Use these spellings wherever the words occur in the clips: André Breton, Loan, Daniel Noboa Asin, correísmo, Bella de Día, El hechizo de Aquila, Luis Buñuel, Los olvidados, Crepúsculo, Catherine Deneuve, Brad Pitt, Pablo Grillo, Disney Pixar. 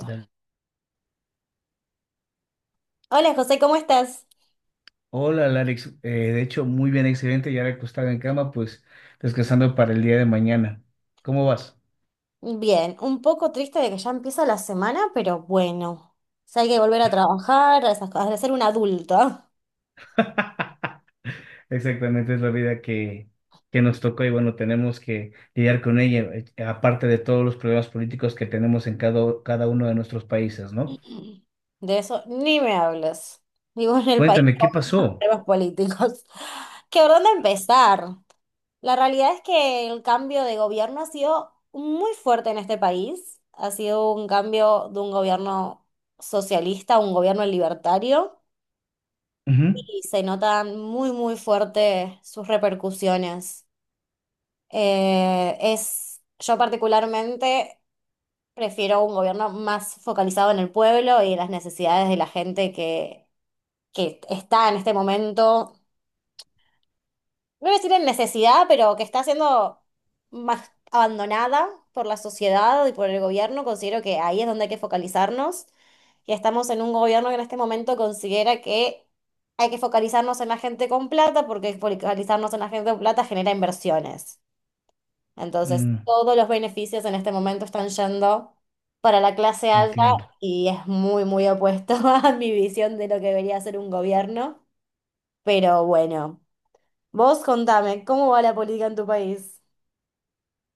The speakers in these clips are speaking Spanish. Dale. Hola José, ¿cómo estás? Hola, Alex. De hecho, muy bien, excelente. Ya recostado en cama, pues descansando para el día de mañana. ¿Cómo vas? Bien, un poco triste de que ya empieza la semana, pero bueno, o sea, hay que volver a trabajar, a esas cosas, de ser un adulto. Exactamente, es la vida que nos tocó y bueno, tenemos que lidiar con ella, aparte de todos los problemas políticos que tenemos en cada uno de nuestros países, ¿no? De eso ni me hables. Vivo en el país Cuéntame, ¿qué con pasó? temas políticos. ¿Qué por dónde empezar? La realidad es que el cambio de gobierno ha sido muy fuerte en este país. Ha sido un cambio de un gobierno socialista a un gobierno libertario Ujú. y se notan muy, muy fuerte sus repercusiones. Yo particularmente prefiero un gobierno más focalizado en el pueblo y en las necesidades de la gente que está en este momento, no voy a decir en necesidad, pero que está siendo más abandonada por la sociedad y por el gobierno. Considero que ahí es donde hay que focalizarnos. Y estamos en un gobierno que en este momento considera que hay que focalizarnos en la gente con plata, porque focalizarnos en la gente con plata genera inversiones. Entonces, Mm, todos los beneficios en este momento están yendo para la clase alta entiendo. y es muy, muy opuesto a mi visión de lo que debería ser un gobierno. Pero bueno, vos contame, ¿cómo va la política en tu país?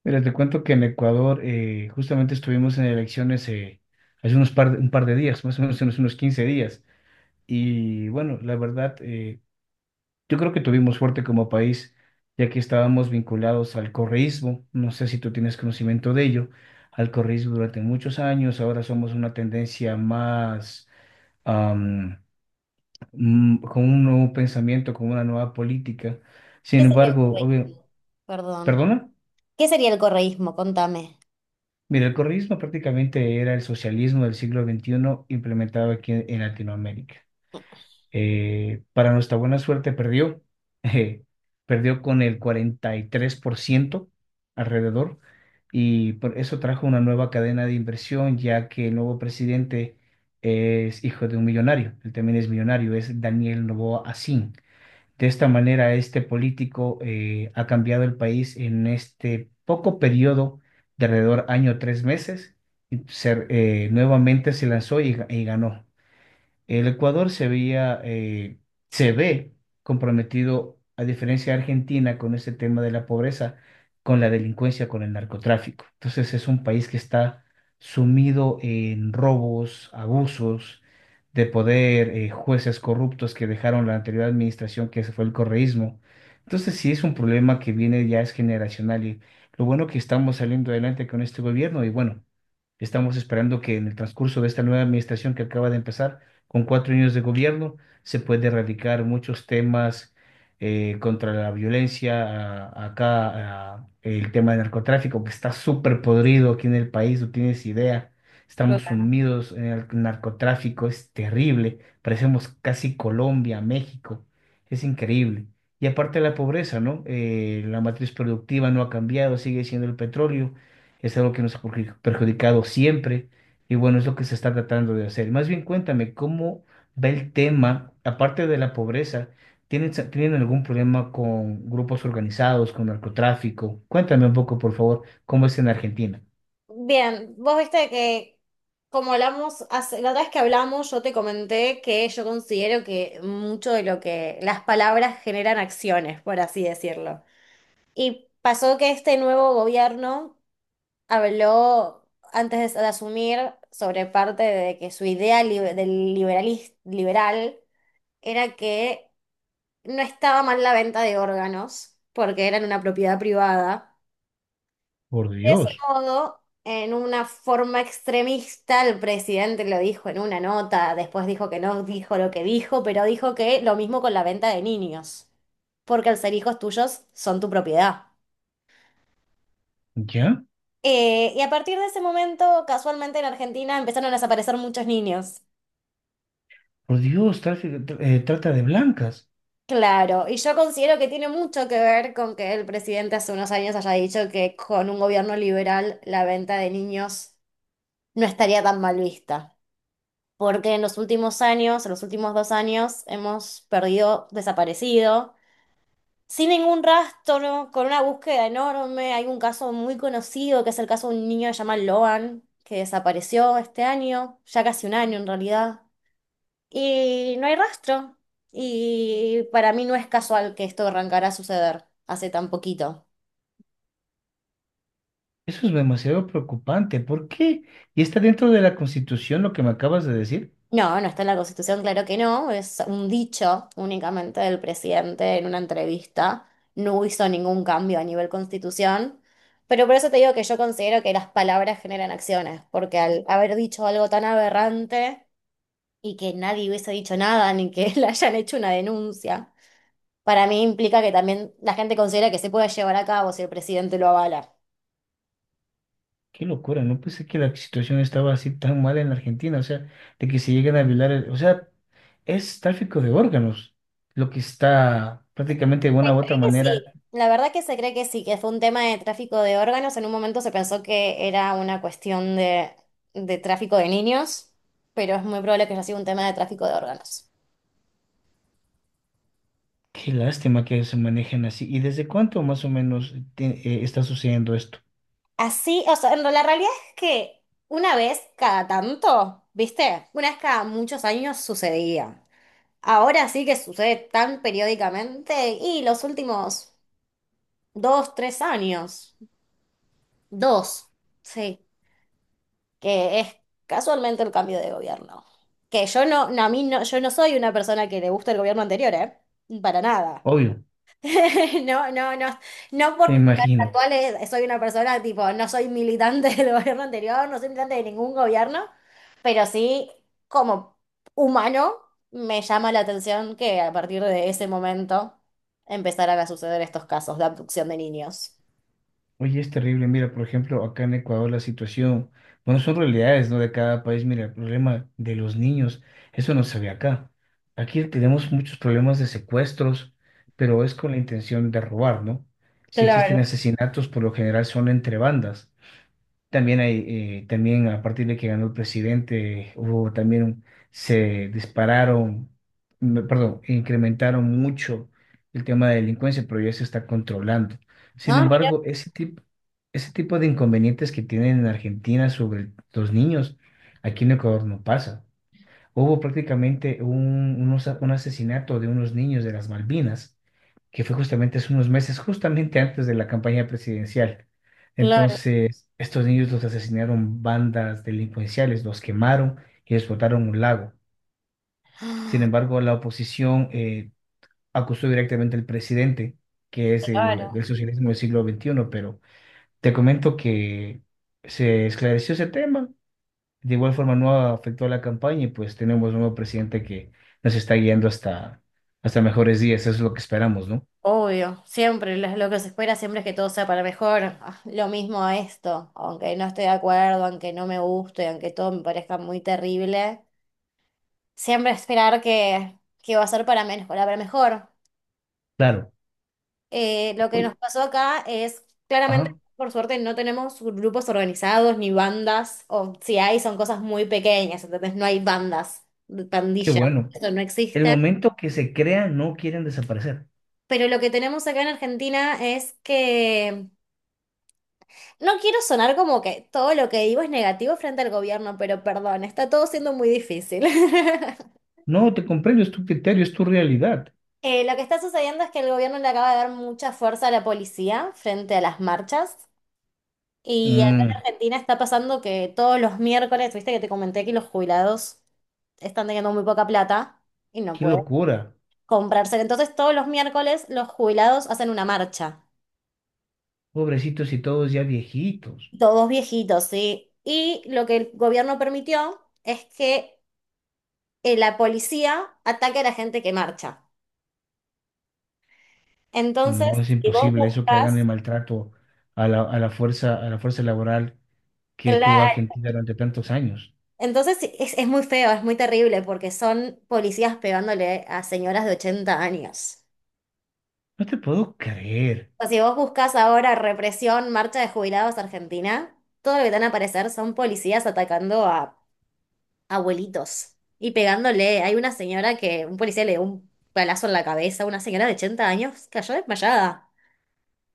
Mira, te cuento que en Ecuador justamente estuvimos en elecciones hace un par de días, más o menos unos 15 días. Y bueno, la verdad, yo creo que tuvimos suerte como país, ya que estábamos vinculados al correísmo. No sé si tú tienes conocimiento de ello, al correísmo durante muchos años. Ahora somos una tendencia más am, con un nuevo pensamiento, con una nueva política. ¿Qué Sin sería el embargo, obvio, correísmo? Perdón. perdona, ¿Qué sería el correísmo? Contame. mira, el correísmo prácticamente era el socialismo del siglo XXI implementado aquí en Latinoamérica. Para nuestra buena suerte perdió, eh, perdió con el 43% alrededor, y por eso trajo una nueva cadena de inversión ya que el nuevo presidente es hijo de un millonario, él también es millonario, es Daniel Noboa Asin. De esta manera este político ha cambiado el país en este poco periodo de alrededor año 3 meses y nuevamente se lanzó y y ganó. El Ecuador se ve comprometido, a diferencia de Argentina, con este tema de la pobreza, con la delincuencia, con el narcotráfico. Entonces es un país que está sumido en robos, abusos de poder, jueces corruptos que dejaron la anterior administración, que se fue el correísmo. Entonces sí es un problema que viene ya es generacional y lo bueno que estamos saliendo adelante con este gobierno y bueno. Estamos esperando que en el transcurso de esta nueva administración que acaba de empezar, con 4 años de gobierno, se puede erradicar muchos temas contra la violencia, el tema del narcotráfico, que está súper podrido aquí en el país, no tienes idea. Estamos sumidos en el narcotráfico, es terrible, parecemos casi Colombia, México, es increíble. Y aparte la pobreza, ¿no? La matriz productiva no ha cambiado, sigue siendo el petróleo, es algo que nos ha perjudicado siempre y bueno, es lo que se está tratando de hacer. Más bien cuéntame, ¿cómo va el tema, aparte de la pobreza? Tienen algún problema con grupos organizados, con narcotráfico? Cuéntame un poco, por favor, ¿cómo es en Argentina? Bien, vos viste que como hablamos, la otra vez que hablamos, yo te comenté que yo considero que mucho de lo que las palabras generan acciones, por así decirlo. Y pasó que este nuevo gobierno habló antes de asumir sobre parte de que su idea del liberal era que no estaba mal la venta de órganos porque eran una propiedad privada. Por De ese Dios, modo, en una forma extremista, el presidente lo dijo en una nota, después dijo que no dijo lo que dijo, pero dijo que lo mismo con la venta de niños, porque al ser hijos tuyos son tu propiedad. ¿ya? Y a partir de ese momento, casualmente en Argentina empezaron a desaparecer muchos niños. Por Dios, trata de blancas. Claro, y yo considero que tiene mucho que ver con que el presidente hace unos años haya dicho que con un gobierno liberal la venta de niños no estaría tan mal vista. Porque en los últimos años, en los últimos 2 años, hemos perdido, desaparecido, sin ningún rastro, con una búsqueda enorme. Hay un caso muy conocido, que es el caso de un niño que se llama Loan, que desapareció este año, ya casi un año en realidad. Y no hay rastro. Y para mí no es casual que esto arrancara a suceder hace tan poquito. Eso es demasiado preocupante. ¿Por qué? ¿Y está dentro de la Constitución lo que me acabas de decir? No, no está en la Constitución, claro que no. Es un dicho únicamente del presidente en una entrevista. No hizo ningún cambio a nivel Constitución. Pero por eso te digo que yo considero que las palabras generan acciones, porque al haber dicho algo tan aberrante y que nadie hubiese dicho nada, ni que le hayan hecho una denuncia, para mí implica que también la gente considera que se puede llevar a cabo si el presidente lo avala. Qué locura, no pensé que la situación estaba así tan mal en la Argentina, o sea, de que se lleguen a violar, o sea, es tráfico de órganos, lo que está prácticamente de Se una u otra cree que manera. sí, la verdad que se cree que sí, que fue un tema de tráfico de órganos. En un momento se pensó que era una cuestión de tráfico de niños, pero es muy probable que haya sido un tema de tráfico de órganos. Qué lástima que se manejen así. ¿Y desde cuánto más o menos está sucediendo esto? Así, o sea, la realidad es que una vez cada tanto, ¿viste? Una vez cada muchos años sucedía. Ahora sí que sucede tan periódicamente y los últimos 2, 3 años, dos, sí. Que es casualmente el cambio de gobierno. Que yo no, no, a mí no, yo no soy una persona que le gusta el gobierno anterior, ¿eh? Para nada. Obvio, No, no, no. No me porque el imagino. actual soy una persona tipo, no soy militante del gobierno anterior, no soy militante de ningún gobierno, pero sí, como humano, me llama la atención que a partir de ese momento empezaran a suceder estos casos de abducción de niños. Oye, es terrible. Mira, por ejemplo, acá en Ecuador la situación, bueno, son realidades, ¿no? De cada país. Mira, el problema de los niños, eso no se ve acá. Aquí tenemos muchos problemas de secuestros, pero es con la intención de robar, ¿no? Si existen Claro. asesinatos, por lo general son entre bandas. También hay, también a partir de que ganó el presidente, hubo también, se dispararon, perdón, incrementaron mucho el tema de delincuencia, pero ya se está controlando. Sin No, mira, embargo, ese tipo de inconvenientes que tienen en Argentina sobre los niños, aquí en Ecuador no pasa. Hubo prácticamente un asesinato de unos niños de las Malvinas, que fue justamente hace unos meses, justamente antes de la campaña presidencial. claro. Entonces, estos niños los asesinaron bandas delincuenciales, los quemaron y les botaron un lago. Sin embargo, la oposición acusó directamente al presidente, que es Claro. del socialismo del siglo XXI, pero te comento que se esclareció ese tema, de igual forma no afectó a la campaña y pues tenemos un nuevo presidente que nos está guiando hasta, hasta mejores días. Eso es lo que esperamos, ¿no? Obvio, siempre lo que se espera siempre es que todo sea para mejor. Ah, lo mismo a esto, aunque no esté de acuerdo, aunque no me guste, aunque todo me parezca muy terrible, siempre esperar que va a ser para menos, para mejor. Claro. Lo que nos Uy, pasó acá es, claramente, ajá, por suerte, no tenemos grupos organizados ni bandas, o si hay, son cosas muy pequeñas, entonces no hay bandas, qué pandillas, bueno. eso no El existe. momento que se crean, no quieren desaparecer. Pero lo que tenemos acá en Argentina es que. No quiero sonar como que todo lo que digo es negativo frente al gobierno, pero perdón, está todo siendo muy difícil. No, te comprendo, es tu criterio, es tu realidad. Lo que está sucediendo es que el gobierno le acaba de dar mucha fuerza a la policía frente a las marchas. Y acá Mm, en Argentina está pasando que todos los miércoles, viste que te comenté que los jubilados están teniendo muy poca plata y no qué pueden locura. comprarse. Entonces todos los miércoles los jubilados hacen una marcha. Pobrecitos y todos ya viejitos. Todos viejitos, ¿sí? Y lo que el gobierno permitió es que la policía ataca a la gente que marcha. Entonces, No, es si vos imposible eso que buscas, hagan el maltrato a a la fuerza laboral que tuvo claro, Argentina durante tantos años. entonces sí, es muy feo, es muy terrible, porque son policías pegándole a señoras de 80 años. No te puedo creer. O sea, si vos buscas ahora represión, marcha de jubilados Argentina, todo lo que te van a aparecer son policías atacando a abuelitos y pegándole. Hay una señora que un policía le dio un palazo en la cabeza, una señora de 80 años cayó desmayada.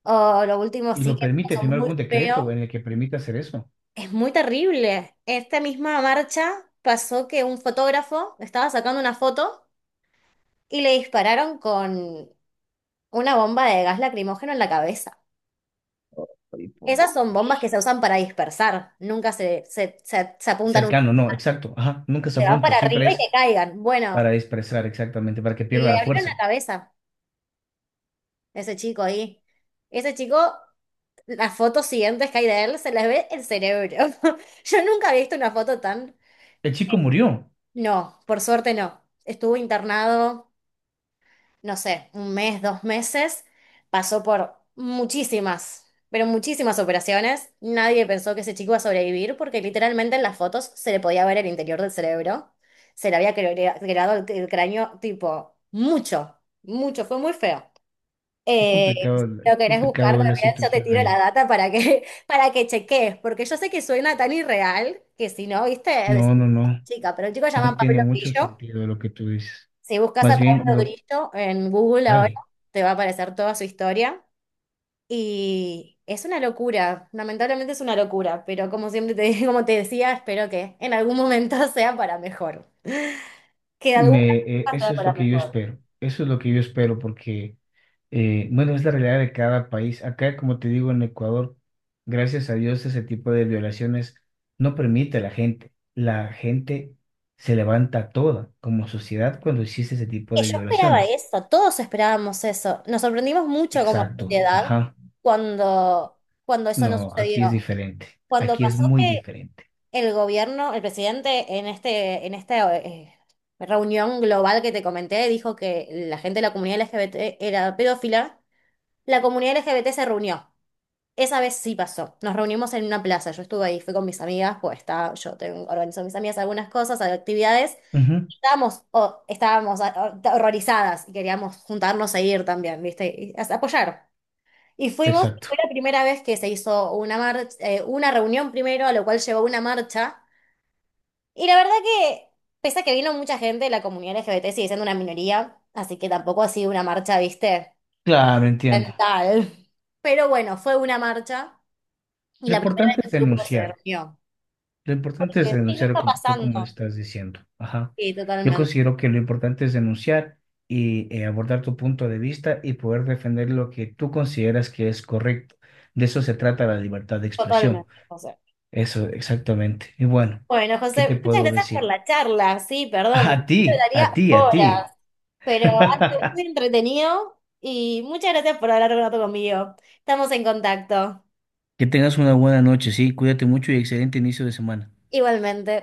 O lo último Y sí lo que permite son firmar muy algún feos. decreto en el que permite hacer eso. Es muy terrible. Esta misma marcha pasó que un fotógrafo estaba sacando una foto y le dispararon con una bomba de gas lacrimógeno en la cabeza. Ahí por- Esas son bombas que pues, se usan para dispersar, nunca se apuntan, Cercano, no, exacto. Ajá, nunca se se van apunta, para siempre arriba y que es caigan. Bueno, para expresar exactamente, para que pierda le la abrieron la fuerza. cabeza a ese chico ahí. Ese chico, las fotos siguientes que hay de él, se les ve el cerebro. Yo nunca había visto una foto tan. El chico murió. No, por suerte no. Estuvo internado. No sé, un mes, 2 meses, pasó por muchísimas, pero muchísimas operaciones. Nadie pensó que ese chico iba a sobrevivir porque literalmente en las fotos se le podía ver el interior del cerebro. Se le había creado el cráneo tipo mucho, mucho, fue muy feo. Si lo Qué querés buscar complicado es la también, yo te situación tiro la ahí. data para que, para que cheques, porque yo sé que suena tan irreal que si no, viste, decís, No, no, no, chica, pero el chico se llama no tiene Pablo mucho Grillo. sentido lo que tú dices. Si buscas Más a bien, Pablo lo, Grillo en Google ahora, dale. te va a aparecer toda su historia. Y es una locura, lamentablemente es una locura, pero como siempre te, como te decía, espero que en algún momento sea para mejor. Que de alguna forma sea Eso es para lo que yo mejor. espero, eso es lo que yo espero porque, bueno, es la realidad de cada país. Acá, como te digo, en Ecuador, gracias a Dios, ese tipo de violaciones no permite a la gente. La gente se levanta toda como sociedad cuando existe ese tipo Que de yo esperaba violaciones. eso, todos esperábamos eso. Nos sorprendimos mucho como Exacto, sociedad ajá. cuando, cuando eso no No, aquí es sucedió. diferente, Cuando aquí es pasó muy que diferente. el gobierno, el presidente en este, en esta reunión global que te comenté dijo que la gente de la comunidad LGBT era pedófila. La comunidad LGBT se reunió. Esa vez sí pasó. Nos reunimos en una plaza. Yo estuve ahí, fui con mis amigas, pues está, yo tengo, organizo a mis amigas algunas cosas, actividades. Ujú. Estábamos horrorizadas y queríamos juntarnos a ir también, ¿viste? Y apoyar. Y fuimos, Exacto. fue la primera vez que se hizo una marcha, una reunión primero, a lo cual llevó una marcha. Y la verdad que, pese a que vino mucha gente, la comunidad LGBT sigue siendo una minoría, así que tampoco ha sido una marcha, viste, Claro, entiendo. mental. Pero bueno, fue una marcha y Lo la primera vez importante es que el grupo se denunciar. reunió. Lo importante es Porque sí, no denunciar está como tú como pasando. estás diciendo. Ajá. Sí, Yo totalmente, considero que lo importante es denunciar y abordar tu punto de vista y poder defender lo que tú consideras que es correcto. De eso se trata la libertad de expresión. totalmente, José. Eso, exactamente. Y bueno, Bueno, ¿qué José, te muchas puedo gracias por decir? la charla. Sí, perdón, A porque ti, yo te a daría ti, a ti. horas, pero antes muy entretenido y muchas gracias por hablar un rato conmigo. Estamos en contacto. Que tengas una buena noche, sí. Cuídate mucho y excelente inicio de semana. Igualmente.